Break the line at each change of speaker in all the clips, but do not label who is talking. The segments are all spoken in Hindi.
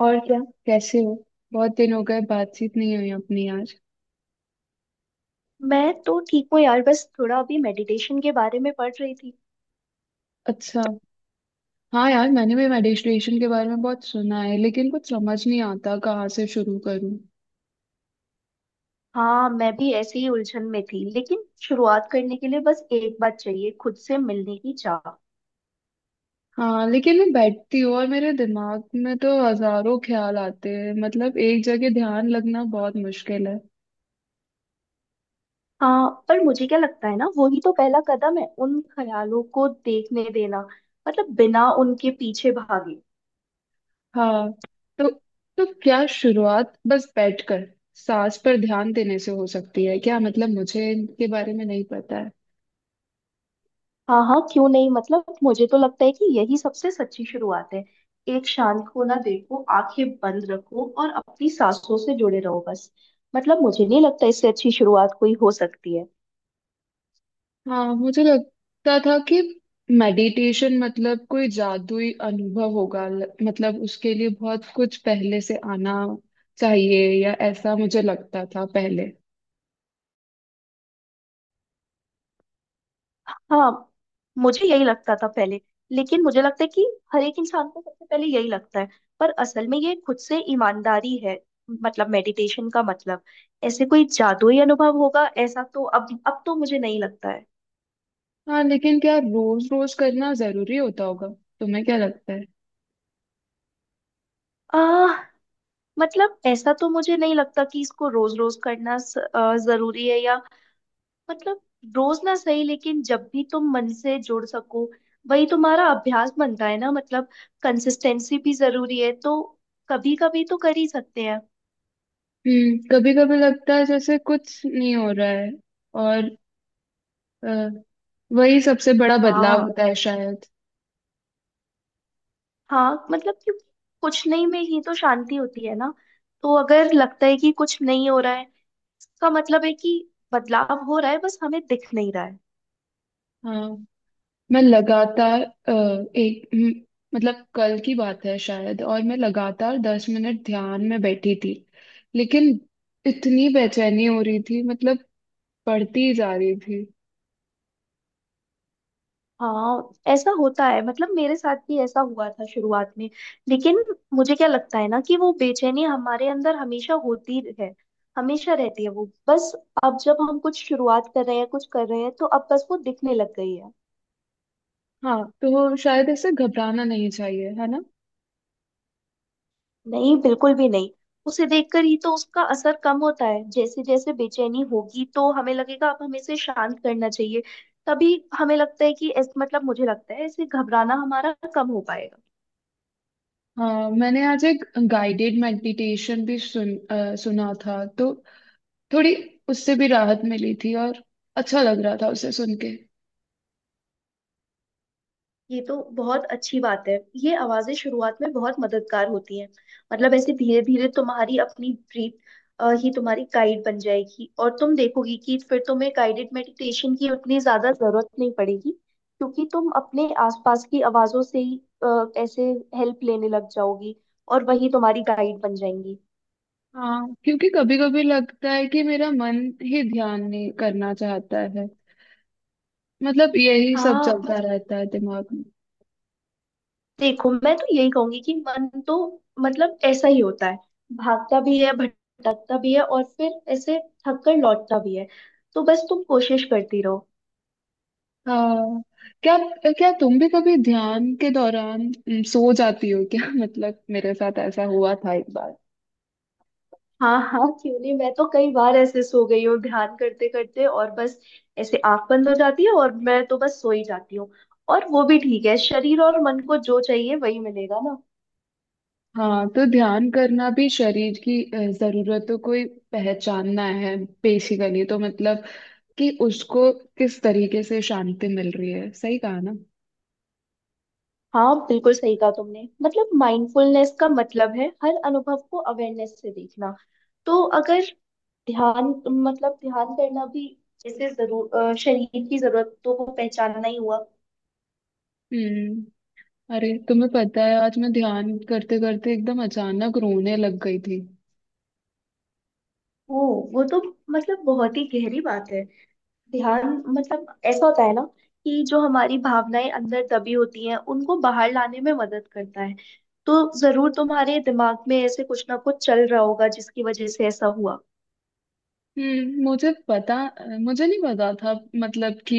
और क्या। कैसे हो? बहुत दिन हो गए, बातचीत नहीं हुई अपनी, यार।
मैं तो ठीक हूँ यार, बस थोड़ा अभी मेडिटेशन के बारे में पढ़ रही थी।
अच्छा। हाँ यार, मैंने भी मेडिटेशन के बारे में बहुत सुना है, लेकिन कुछ समझ नहीं आता कहाँ से शुरू करूँ।
हाँ, मैं भी ऐसे ही उलझन में थी, लेकिन शुरुआत करने के लिए बस एक बात चाहिए, खुद से मिलने की चाह।
हाँ लेकिन मैं बैठती हूँ और मेरे दिमाग में तो हजारों ख्याल आते हैं, मतलब एक जगह ध्यान लगना बहुत मुश्किल है।
हाँ, पर मुझे क्या लगता है ना, वही तो पहला कदम है, उन ख्यालों को देखने देना। मतलब बिना उनके पीछे भागे।
हाँ। तो तो क्या शुरुआत बस बैठकर सांस पर ध्यान देने से हो सकती है क्या? मतलब मुझे इनके बारे में नहीं पता है।
हाँ हाँ, क्यों नहीं। मतलब मुझे तो लगता है कि यही सबसे सच्ची शुरुआत है। एक शांत कोना देखो, आंखें बंद रखो और अपनी सांसों से जुड़े रहो बस। मतलब मुझे नहीं लगता इससे अच्छी शुरुआत कोई हो सकती है।
हाँ मुझे लगता था कि मेडिटेशन मतलब कोई जादुई अनुभव होगा, मतलब उसके लिए बहुत कुछ पहले से आना चाहिए, या ऐसा मुझे लगता था पहले।
हाँ, मुझे यही लगता था पहले। लेकिन मुझे लगता है कि हर एक इंसान को सबसे पहले यही लगता है। पर असल में ये खुद से ईमानदारी है। मतलब मेडिटेशन का मतलब ऐसे कोई जादुई अनुभव होगा, ऐसा तो अब तो मुझे नहीं लगता है।
हाँ लेकिन क्या रोज रोज करना जरूरी होता होगा? तुम्हें क्या लगता है?
आ, मतलब ऐसा तो मुझे नहीं लगता कि इसको रोज रोज करना जरूरी है या मतलब रोज ना सही, लेकिन जब भी तुम मन से जुड़ सको, वही तुम्हारा अभ्यास बनता है ना। मतलब कंसिस्टेंसी भी जरूरी है, तो कभी कभी तो कर ही सकते हैं।
हम्म। कभी कभी लगता है जैसे कुछ नहीं हो रहा है, और अ, वही सबसे बड़ा बदलाव
हाँ।
होता है शायद।
हाँ मतलब क्योंकि कुछ नहीं में ही तो शांति होती है ना। तो अगर लगता है कि कुछ नहीं हो रहा है, इसका मतलब है कि बदलाव हो रहा है, बस हमें दिख नहीं रहा है।
हाँ, मैं लगातार एक मतलब कल की बात है शायद, और मैं लगातार 10 मिनट ध्यान में बैठी थी, लेकिन इतनी बेचैनी हो रही थी, मतलब पढ़ती ही जा रही थी।
हाँ, ऐसा होता है। मतलब मेरे साथ भी ऐसा हुआ था शुरुआत में। लेकिन मुझे क्या लगता है ना कि वो बेचैनी हमारे अंदर हमेशा होती है, हमेशा रहती है वो। बस अब जब हम कुछ शुरुआत कर रहे हैं, कुछ कर रहे हैं, तो अब बस वो दिखने लग गई है।
हाँ तो शायद ऐसे घबराना नहीं चाहिए, है ना?
नहीं, बिल्कुल भी नहीं। उसे देखकर ही तो उसका असर कम होता है। जैसे जैसे बेचैनी होगी तो हमें लगेगा अब हमें इसे शांत करना चाहिए, तभी हमें लगता है कि मतलब मुझे लगता है इसे घबराना हमारा कम हो पाएगा।
हाँ मैंने आज एक गाइडेड मेडिटेशन भी सुन सुना था, तो थोड़ी उससे भी राहत मिली थी, और अच्छा लग रहा था उसे सुन के।
ये तो बहुत अच्छी बात है। ये आवाजें शुरुआत में बहुत मददगार होती हैं। मतलब ऐसे धीरे धीरे तुम्हारी अपनी ब्रीथ ही तुम्हारी गाइड बन जाएगी और तुम देखोगी कि फिर तुम्हें गाइडेड मेडिटेशन की उतनी ज्यादा जरूरत नहीं पड़ेगी, क्योंकि तुम अपने आसपास की आवाजों से ही अ, ऐसे हेल्प लेने लग जाओगी और वही तुम्हारी गाइड बन जाएंगी।
हाँ क्योंकि कभी कभी लगता है कि मेरा मन ही ध्यान नहीं करना चाहता है, मतलब यही सब
हाँ,
चलता रहता है दिमाग में।
देखो मैं तो यही कहूंगी कि मन तो मतलब ऐसा ही होता है, भागता भी है, भटकता भी है और फिर ऐसे थक कर लौटता भी है। तो बस तुम कोशिश करती रहो।
हाँ। क्या क्या तुम भी कभी ध्यान के दौरान सो जाती हो क्या? मतलब मेरे साथ ऐसा हुआ था एक बार।
हाँ हाँ, क्यों नहीं। मैं तो कई बार ऐसे सो गई हूँ ध्यान करते करते, और बस ऐसे आंख बंद हो जाती है और मैं तो बस सो ही जाती हूँ। और वो भी ठीक है, शरीर और मन को जो चाहिए वही मिलेगा ना।
हाँ, तो ध्यान करना भी शरीर की जरूरतों को ही पहचानना है बेसिकली, तो मतलब कि उसको किस तरीके से शांति मिल रही है, सही कहा ना?
हाँ, बिल्कुल सही कहा तुमने। मतलब माइंडफुलनेस का मतलब है हर अनुभव को अवेयरनेस से देखना। तो अगर ध्यान, मतलब ध्यान करना भी जैसे जरूर शरीर की जरूरतों को पहचानना ही हुआ।
हम्म। अरे तुम्हें पता है, आज मैं ध्यान करते करते एकदम अचानक रोने लग गई थी।
ओ, वो तो मतलब बहुत ही गहरी बात है। ध्यान मतलब ऐसा होता है ना कि जो हमारी भावनाएं अंदर दबी होती हैं उनको बाहर लाने में मदद करता है। तो जरूर तुम्हारे दिमाग में ऐसे कुछ ना कुछ चल रहा होगा जिसकी वजह से ऐसा हुआ।
हम्म, मुझे पता मुझे नहीं पता था, मतलब कि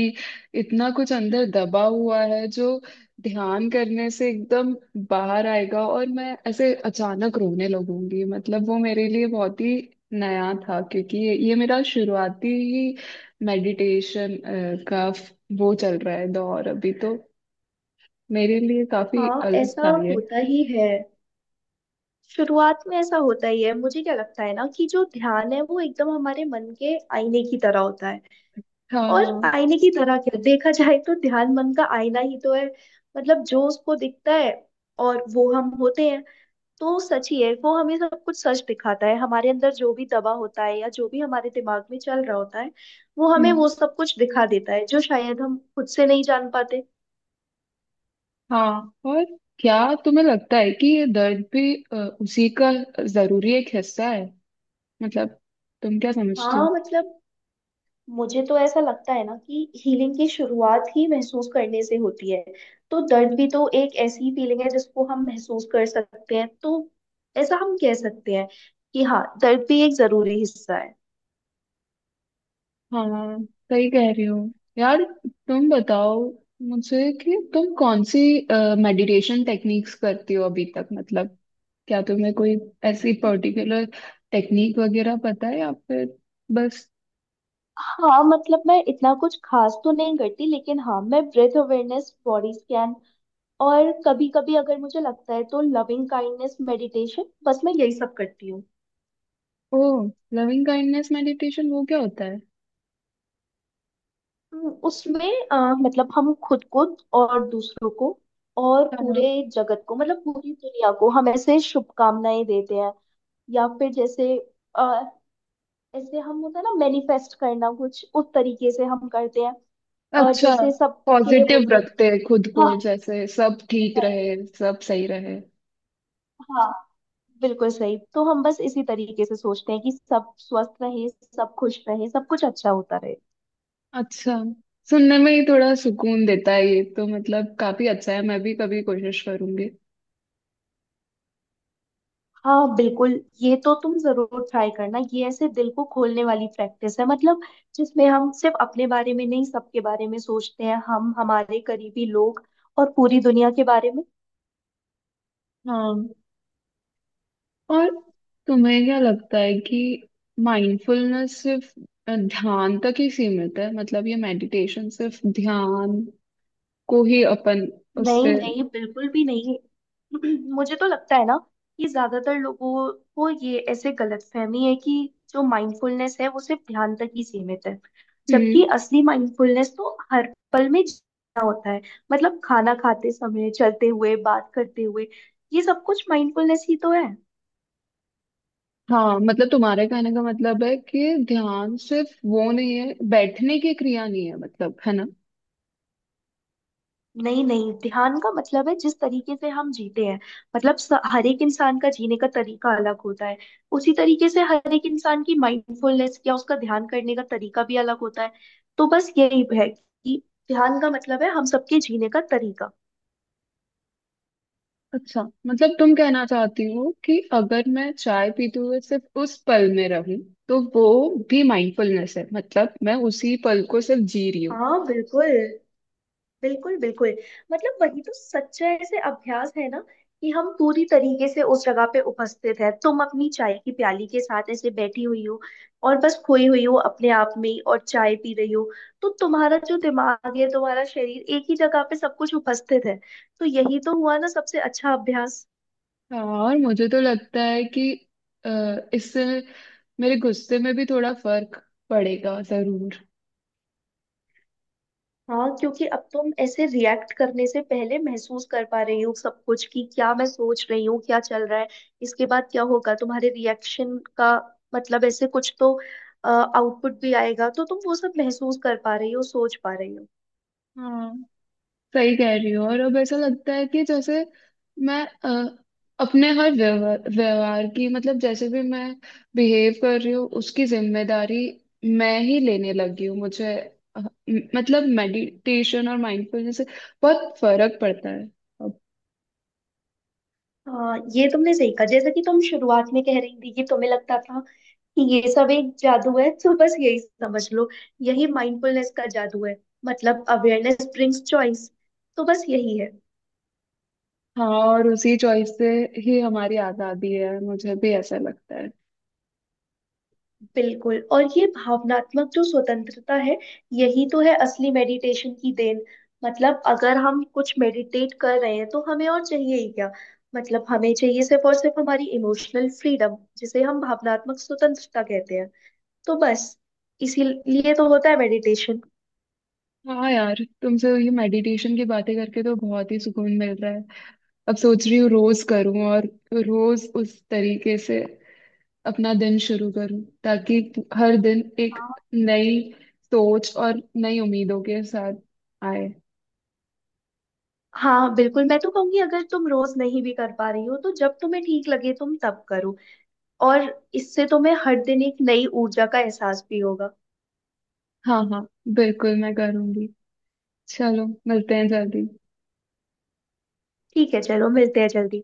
इतना कुछ अंदर दबा हुआ है जो ध्यान करने से एकदम बाहर आएगा, और मैं ऐसे अचानक रोने लगूंगी। मतलब वो मेरे लिए बहुत ही नया था, क्योंकि ये मेरा शुरुआती ही मेडिटेशन का वो चल रहा है दौर अभी, तो मेरे लिए काफी
हाँ,
अलग
ऐसा
था ये।
होता ही है। शुरुआत में ऐसा होता ही है। मुझे क्या लगता है ना कि जो ध्यान है वो एकदम हमारे मन के आईने की तरह होता है।
हाँ।
और आईने की तरह क्या, देखा जाए तो ध्यान मन का आईना ही तो है। मतलब जो उसको दिखता है, और वो हम होते हैं। तो सच ही है, वो हमें सब कुछ सच दिखाता है। हमारे अंदर जो भी दबा होता है या जो भी हमारे दिमाग में चल रहा होता है, वो हमें
हम्म।
वो सब कुछ दिखा देता है जो शायद हम खुद से नहीं जान पाते।
हाँ, और क्या तुम्हें लगता है कि ये दर्द भी उसी का जरूरी एक हिस्सा है? मतलब तुम क्या समझती हो?
हाँ मतलब मुझे तो ऐसा लगता है ना कि हीलिंग की शुरुआत ही महसूस करने से होती है। तो दर्द भी तो एक ऐसी फीलिंग है जिसको हम महसूस कर सकते हैं, तो ऐसा हम कह सकते हैं कि हाँ, दर्द भी एक जरूरी हिस्सा है।
हाँ सही कह रही हो यार। तुम बताओ मुझे कि तुम कौन सी मेडिटेशन टेक्निक्स करती हो अभी तक, मतलब क्या तुम्हें कोई ऐसी पर्टिकुलर टेक्निक वगैरह पता है, या फिर बस?
हाँ मतलब मैं इतना कुछ खास तो नहीं करती, लेकिन हाँ, मैं ब्रेथ अवेयरनेस, बॉडी स्कैन, और कभी कभी अगर मुझे लगता है तो लविंग काइंडनेस मेडिटेशन, बस मैं यही सब करती हूँ।
ओ, लविंग काइंडनेस मेडिटेशन वो क्या होता है?
हम्म। उसमें मतलब हम खुद को और दूसरों को और पूरे
हाँ।
जगत को, मतलब पूरी दुनिया को हम ऐसे शुभकामनाएं देते हैं। या फिर जैसे आ, ऐसे हम, होता है ना मैनिफेस्ट करना, कुछ उस तरीके से हम करते हैं।
अच्छा,
जैसे सबके लिए
पॉजिटिव
बोलते हैं।
रखते हैं खुद को,
हाँ।
जैसे सब ठीक रहे, सब सही रहे।
हाँ बिल्कुल सही, तो हम बस इसी तरीके से सोचते हैं कि सब स्वस्थ रहे, सब खुश रहे, सब कुछ अच्छा होता रहे।
अच्छा। सुनने में ही थोड़ा सुकून देता है ये तो, मतलब काफी अच्छा है, मैं भी कभी कोशिश करूंगी।
हाँ बिल्कुल, ये तो तुम जरूर ट्राई करना। ये ऐसे दिल को खोलने वाली प्रैक्टिस है। मतलब जिसमें हम सिर्फ अपने बारे में नहीं, सबके बारे में सोचते हैं, हम, हमारे करीबी लोग और पूरी दुनिया के बारे में।
हाँ, और तुम्हें क्या लगता है कि माइंडफुलनेस सिर्फ ध्यान तक ही सीमित है? मतलब ये मेडिटेशन सिर्फ ध्यान को ही अपन
नहीं
उससे।
नहीं बिल्कुल भी नहीं। मुझे तो लगता है ना कि ज्यादातर लोगों को ये ऐसे गलतफहमी है कि जो माइंडफुलनेस है वो सिर्फ ध्यान तक ही सीमित है।
हम्म।
जबकि असली माइंडफुलनेस तो हर पल में जीना होता है। मतलब खाना खाते समय, चलते हुए, बात करते हुए, ये सब कुछ माइंडफुलनेस ही तो है।
हाँ, मतलब तुम्हारे कहने का मतलब है कि ध्यान सिर्फ वो नहीं है, बैठने की क्रिया नहीं है, मतलब, है ना?
नहीं नहीं, ध्यान का मतलब है जिस तरीके से हम जीते हैं। मतलब हर एक इंसान का जीने का तरीका अलग होता है, उसी तरीके से हर एक इंसान की माइंडफुलनेस या उसका ध्यान करने का तरीका भी अलग होता है। तो बस यही है कि ध्यान का मतलब है हम सबके जीने का तरीका।
अच्छा, मतलब तुम कहना चाहती हो कि अगर मैं चाय पीते हुए सिर्फ उस पल में रहूं, तो वो भी माइंडफुलनेस है, मतलब मैं उसी पल को सिर्फ जी रही हूँ।
हाँ बिल्कुल बिल्कुल बिल्कुल। मतलब वही तो सच्चा ऐसे अभ्यास है ना कि हम पूरी तरीके से उस जगह पे उपस्थित है। तुम अपनी चाय की प्याली के साथ ऐसे बैठी हुई हो और बस खोई हुई हो अपने आप में ही और चाय पी रही हो, तो तुम्हारा जो दिमाग है, तुम्हारा शरीर, एक ही जगह पे सब कुछ उपस्थित है। तो यही तो हुआ ना सबसे अच्छा अभ्यास।
और मुझे तो लगता है कि इससे मेरे गुस्से में भी थोड़ा फर्क पड़ेगा जरूर।
हाँ क्योंकि अब तुम ऐसे रिएक्ट करने से पहले महसूस कर पा रही हो सब कुछ, कि क्या मैं सोच रही हूँ, क्या चल रहा है, इसके बाद क्या होगा तुम्हारे रिएक्शन का, मतलब ऐसे कुछ तो आउटपुट भी आएगा। तो तुम वो सब महसूस कर पा रही हो, सोच पा रही हो।
हाँ सही कह रही हो। और अब ऐसा लगता है कि जैसे मैं अपने हर व्यवहार व्यवहार की, मतलब जैसे भी मैं बिहेव कर रही हूँ उसकी जिम्मेदारी मैं ही लेने लगी हूँ। मुझे मतलब मेडिटेशन और माइंडफुलनेस से बहुत फर्क पड़ता है अब।
हाँ, ये तुमने सही कहा। जैसे कि तुम शुरुआत में कह रही थी कि तुम्हें लगता था कि ये सब एक जादू है, तो बस यही समझ लो, यही माइंडफुलनेस का जादू है। मतलब अवेयरनेस ब्रिंग्स चॉइस, तो बस यही है।
हाँ, और उसी चॉइस से ही हमारी आज़ादी है, मुझे भी ऐसा लगता है।
बिल्कुल। और ये भावनात्मक जो स्वतंत्रता है, यही तो है असली मेडिटेशन की देन। मतलब अगर हम कुछ मेडिटेट कर रहे हैं तो हमें और चाहिए ही क्या। मतलब हमें चाहिए सिर्फ और सिर्फ हमारी इमोशनल फ्रीडम, जिसे हम भावनात्मक स्वतंत्रता कहते हैं। तो बस इसीलिए तो होता है मेडिटेशन।
हाँ यार, तुमसे ये मेडिटेशन की बातें करके तो बहुत ही सुकून मिल रहा है। अब सोच रही हूँ रोज करूँ, और रोज उस तरीके से अपना दिन शुरू करूं, ताकि हर दिन एक
हाँ,
नई सोच और नई उम्मीदों के साथ आए।
हाँ बिल्कुल, मैं तो कहूंगी अगर तुम रोज नहीं भी कर पा रही हो, तो जब तुम्हें ठीक लगे तुम तब करो। और इससे तुम्हें हर दिन एक नई ऊर्जा का एहसास भी होगा।
हाँ हाँ, बिल्कुल, मैं करूंगी। चलो मिलते हैं जल्दी।
ठीक है, चलो मिलते हैं जल्दी।